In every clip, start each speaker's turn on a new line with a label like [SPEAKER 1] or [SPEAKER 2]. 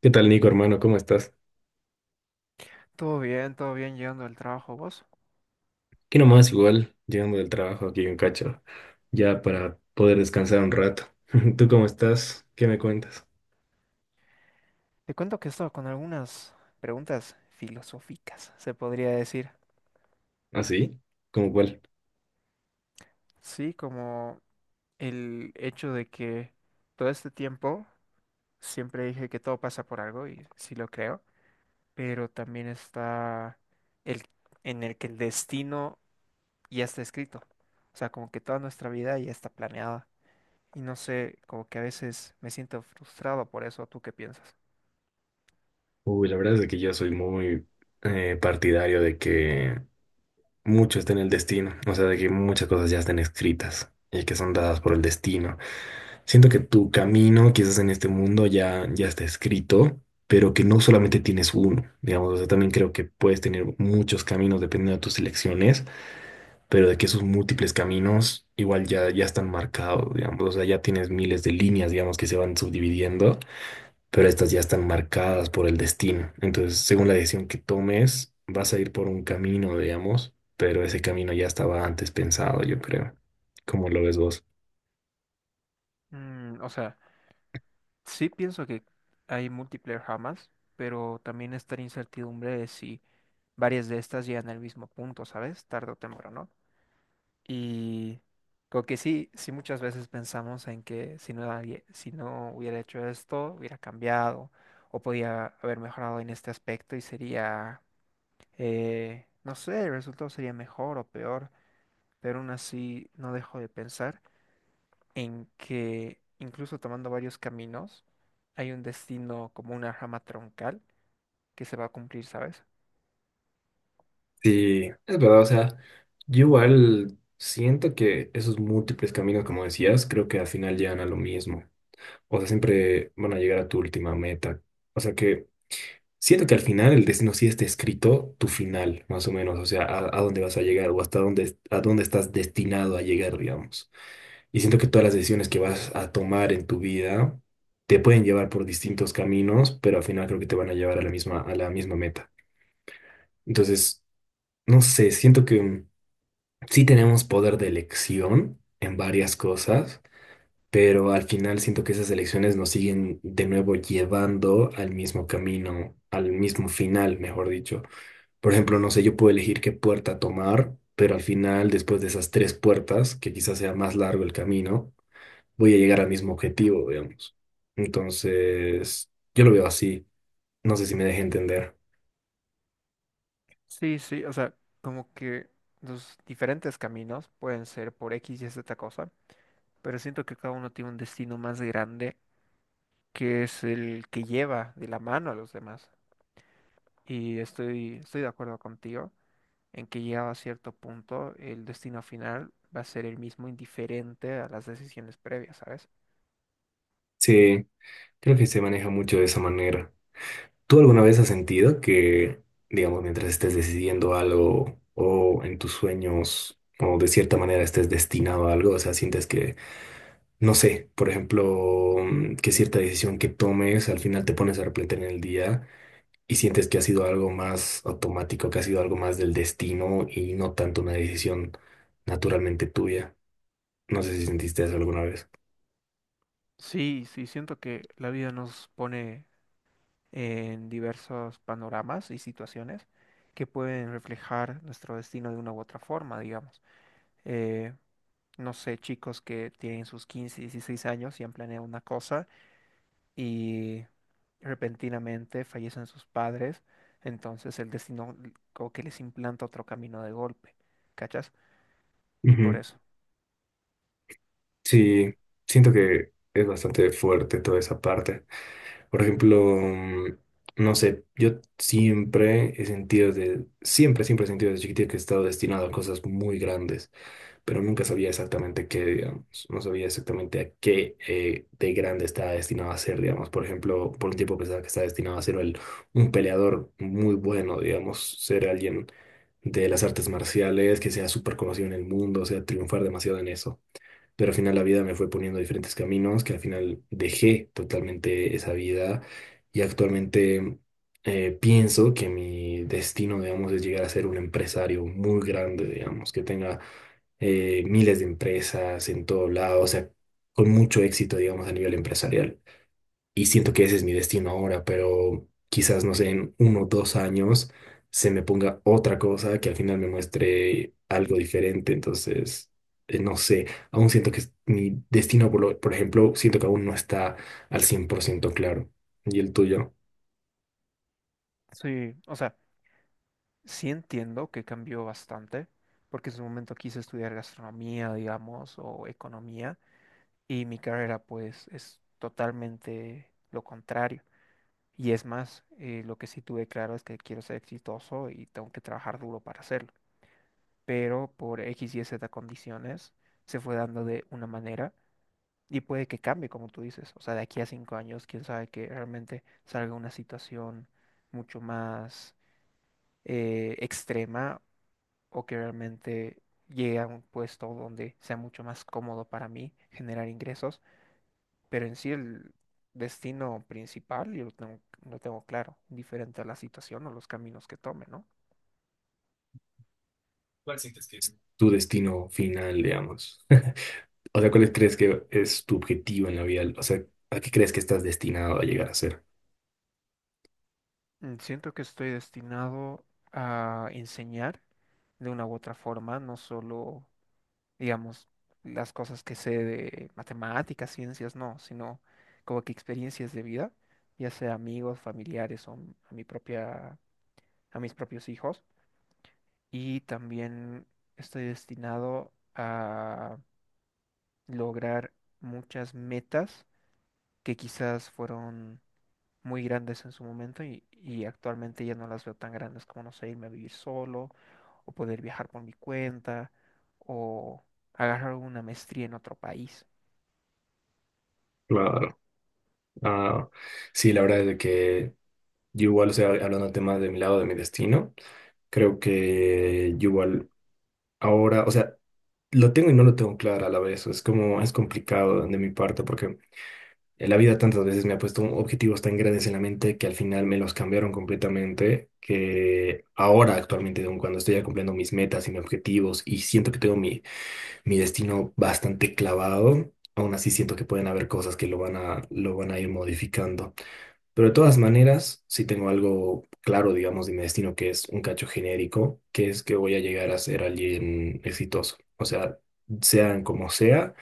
[SPEAKER 1] ¿Qué tal, Nico, hermano? ¿Cómo estás?
[SPEAKER 2] Todo bien llegando al trabajo, vos.
[SPEAKER 1] Aquí nomás, igual, llegando del trabajo aquí en Cacho, ya para poder descansar un rato. ¿Tú cómo estás? ¿Qué me cuentas?
[SPEAKER 2] Te cuento que estaba con algunas preguntas filosóficas, se podría decir.
[SPEAKER 1] ¿Ah, sí? ¿Cómo cuál?
[SPEAKER 2] Sí, como el hecho de que todo este tiempo siempre dije que todo pasa por algo y sí lo creo, pero también está el en el que el destino ya está escrito. O sea, como que toda nuestra vida ya está planeada. Y no sé, como que a veces me siento frustrado por eso. ¿Tú qué piensas?
[SPEAKER 1] Uy, la verdad es de que yo soy muy partidario de que mucho está en el destino, o sea, de que muchas cosas ya están escritas y que son dadas por el destino. Siento que tu camino, quizás en este mundo, ya está escrito, pero que no solamente tienes uno, digamos, o sea, también creo que puedes tener muchos caminos dependiendo de tus elecciones. Pero de que esos múltiples caminos igual ya están marcados, digamos, o sea, ya tienes miles de líneas, digamos, que se van subdividiendo, pero estas ya están marcadas por el destino. Entonces, según la decisión que tomes, vas a ir por un camino, digamos, pero ese camino ya estaba antes pensado, yo creo. ¿Cómo lo ves vos?
[SPEAKER 2] Mm, o sea. Sí pienso que hay multiplayer jamás, pero también está la incertidumbre de si varias de estas llegan al mismo punto, ¿sabes? Tarde o temprano. Y creo que sí, sí muchas veces pensamos en que si no, si no hubiera hecho esto, hubiera cambiado o podía haber mejorado en este aspecto y sería, no sé, el resultado sería mejor o peor, pero aún así no dejo de pensar en que incluso tomando varios caminos, hay un destino como una rama troncal que se va a cumplir, ¿sabes?
[SPEAKER 1] Sí, es verdad, o sea, yo igual siento que esos múltiples caminos, como decías, creo que al final llegan a lo mismo. O sea, siempre van a llegar a tu última meta. O sea que siento que al final el destino sí está escrito tu final, más o menos, o sea, a dónde vas a llegar o hasta dónde, a dónde estás destinado a llegar, digamos. Y siento que todas las decisiones que vas a tomar en tu vida te pueden llevar por distintos caminos, pero al final creo que te van a llevar a la misma meta. Entonces, no sé, siento que sí tenemos poder de elección en varias cosas, pero al final siento que esas elecciones nos siguen de nuevo llevando al mismo camino, al mismo final, mejor dicho. Por ejemplo, no sé, yo puedo elegir qué puerta tomar, pero al final, después de esas tres puertas, que quizás sea más largo el camino, voy a llegar al mismo objetivo, digamos. Entonces, yo lo veo así. No sé si me deje entender.
[SPEAKER 2] Sí, sí, o sea, como que los diferentes caminos pueden ser por X y Z cosa, pero siento que cada uno tiene un destino más grande que es el que lleva de la mano a los demás. Y estoy de acuerdo contigo en que llegado a cierto punto, el destino final va a ser el mismo indiferente a las decisiones previas, ¿sabes?
[SPEAKER 1] Sí, creo que se maneja mucho de esa manera. ¿Tú alguna vez has sentido que, digamos, mientras estés decidiendo algo o en tus sueños o de cierta manera estés destinado a algo, o sea, sientes que no sé, por ejemplo, que cierta decisión que tomes, al final te pones a arrepentir en el día y sientes que ha sido algo más automático, que ha sido algo más del destino y no tanto una decisión naturalmente tuya? No sé si sentiste eso alguna vez.
[SPEAKER 2] Sí, sí, siento que la vida nos pone en diversos panoramas y situaciones que pueden reflejar nuestro destino de una u otra forma, digamos. Eh, no sé, chicos que tienen sus 15, 16 años y han planeado una cosa y repentinamente fallecen sus padres, entonces el destino como que les implanta otro camino de golpe, ¿cachas? Y por
[SPEAKER 1] Ujú.
[SPEAKER 2] eso.
[SPEAKER 1] Sí, siento que es bastante fuerte toda esa parte. Por ejemplo, no sé, yo siempre he sentido de, siempre he sentido desde chiquitito que he estado destinado a cosas muy grandes. Pero nunca sabía exactamente qué, digamos, no sabía exactamente a qué de grande estaba destinado a ser, digamos, por ejemplo, por un tiempo pensaba que estaba destinado a ser un peleador muy bueno, digamos, ser alguien de las artes marciales, que sea súper conocido en el mundo, o sea, triunfar demasiado en eso. Pero al final la vida me fue poniendo diferentes caminos, que al final dejé totalmente esa vida y actualmente pienso que mi destino, digamos, es llegar a ser un empresario muy grande, digamos, que tenga miles de empresas en todo lado, o sea, con mucho éxito, digamos, a nivel empresarial, y siento que ese es mi destino ahora, pero quizás, no sé, en uno o dos años se me ponga otra cosa que al final me muestre algo diferente. Entonces, no sé, aún siento que mi destino, por ejemplo, siento que aún no está al 100% claro. ¿Y el tuyo?
[SPEAKER 2] Sí, o sea. Sí entiendo que cambió bastante, porque en su momento quise estudiar gastronomía, digamos, o economía, y mi carrera pues es totalmente lo contrario. Y es más, lo que sí tuve claro es que quiero ser exitoso y tengo que trabajar duro para hacerlo. Pero por X y Z condiciones se fue dando de una manera y puede que cambie, como tú dices. O sea, de aquí a 5 años, quién sabe que realmente salga una situación mucho más extrema o que realmente llegue a un puesto donde sea mucho más cómodo para mí generar ingresos, pero en sí el destino principal yo lo tengo claro, diferente a la situación o los caminos que tome, ¿no?
[SPEAKER 1] ¿Cuál sientes que es? Tu destino final, digamos. O sea, ¿cuál crees que es tu objetivo en la vida? O sea, ¿a qué crees que estás destinado a llegar a ser?
[SPEAKER 2] Mm, siento que estoy destinado a enseñar de una u otra forma, no solo, digamos, las cosas que sé de matemáticas, ciencias, no, sino como que experiencias de vida, ya sea amigos, familiares o a mi propia, a mis propios hijos y también estoy destinado a lograr muchas metas que quizás fueron muy grandes en su momento y actualmente ya no las veo tan grandes como, no sé, irme a vivir solo o poder viajar por mi cuenta o agarrar una maestría en otro país.
[SPEAKER 1] Claro. Ah, sí, la verdad es de que yo igual, o sea, hablando del tema de mi lado, de mi destino, creo que yo igual ahora, o sea, lo tengo y no lo tengo claro a la vez. Es como, es complicado de mi parte porque en la vida tantas veces me ha puesto objetivos tan grandes en la mente que al final me los cambiaron completamente, que ahora actualmente, aun cuando estoy ya cumpliendo mis metas y mis objetivos y siento que tengo mi, mi destino bastante clavado, aún así siento que pueden haber cosas que lo van a ir modificando. Pero de todas maneras, sí tengo algo claro, digamos, de mi destino, que es un cacho genérico, que es que voy a llegar a ser alguien exitoso. O sea, sean como sea,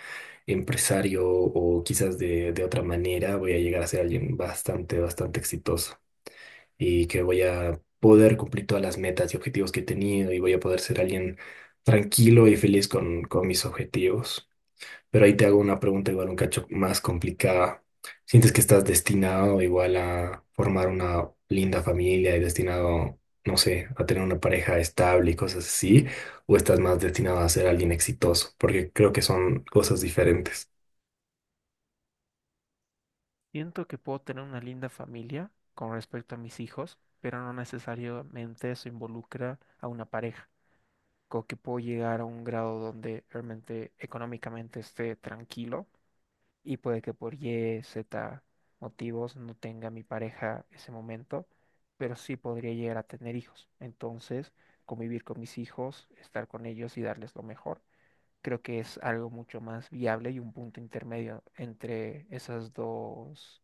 [SPEAKER 1] empresario o quizás de otra manera, voy a llegar a ser alguien bastante, bastante exitoso y que voy a poder cumplir todas las metas y objetivos que he tenido y voy a poder ser alguien tranquilo y feliz con mis objetivos. Pero ahí te hago una pregunta igual un cacho más complicada. ¿Sientes que estás destinado igual a formar una linda familia y destinado, no sé, a tener una pareja estable y cosas así? ¿O estás más destinado a ser alguien exitoso? Porque creo que son cosas diferentes.
[SPEAKER 2] Siento que puedo tener una linda familia con respecto a mis hijos, pero no necesariamente eso involucra a una pareja. Creo que puedo llegar a un grado donde realmente económicamente esté tranquilo y puede que por Y, Z motivos no tenga mi pareja ese momento, pero sí podría llegar a tener hijos. Entonces, convivir con mis hijos, estar con ellos y darles lo mejor, creo que es algo mucho más viable y un punto intermedio entre esas dos,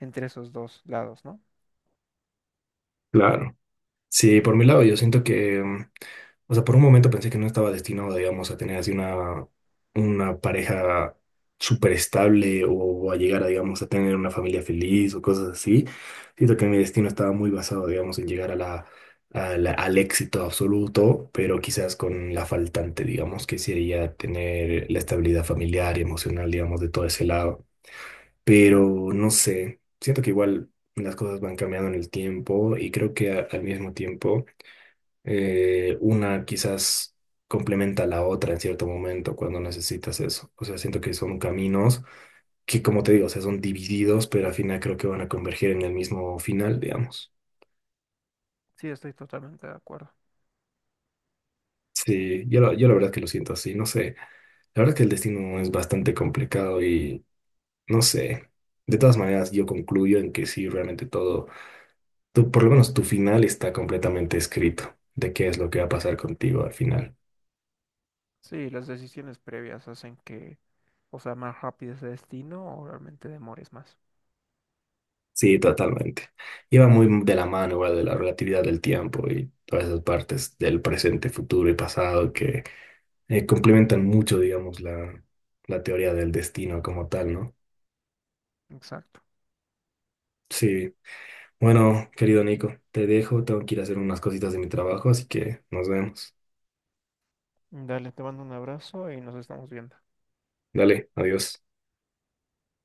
[SPEAKER 2] entre esos dos lados, ¿no?
[SPEAKER 1] Claro. Sí, por mi lado, yo siento que, o sea, por un momento pensé que no estaba destinado, digamos, a tener así una pareja súper estable o, a llegar a, digamos, a tener una familia feliz o cosas así. Siento que mi destino estaba muy basado, digamos, en llegar a la, al éxito absoluto, pero quizás con la faltante, digamos, que sería tener la estabilidad familiar y emocional, digamos, de todo ese lado.
[SPEAKER 2] Claro,
[SPEAKER 1] Pero no sé, siento que igual las cosas van cambiando en el tiempo y creo que al mismo tiempo una quizás complementa a la otra en cierto momento cuando necesitas eso. O sea, siento que son caminos que, como te digo, o sea, son divididos, pero al final creo que van a converger en el mismo final, digamos.
[SPEAKER 2] sí, estoy totalmente de acuerdo.
[SPEAKER 1] Sí, yo, yo la verdad que lo siento así, no sé. La verdad que el destino es bastante complicado y no sé. De todas maneras, yo concluyo en que sí, realmente todo, tú, por lo menos tu final está completamente escrito de qué es lo que va a pasar contigo al final.
[SPEAKER 2] Sí, las decisiones previas hacen que, o sea, más rápido ese destino o realmente demores más.
[SPEAKER 1] Sí, totalmente. Iba muy de la mano igual de la relatividad del tiempo y todas esas partes del presente, futuro y pasado que complementan mucho, digamos, la teoría del destino como tal, ¿no?
[SPEAKER 2] Exacto.
[SPEAKER 1] Sí. Bueno, querido Nico, te dejo, tengo que ir a hacer unas cositas de mi trabajo, así que nos vemos.
[SPEAKER 2] Dale, te mando un abrazo y nos estamos viendo.
[SPEAKER 1] Dale, adiós.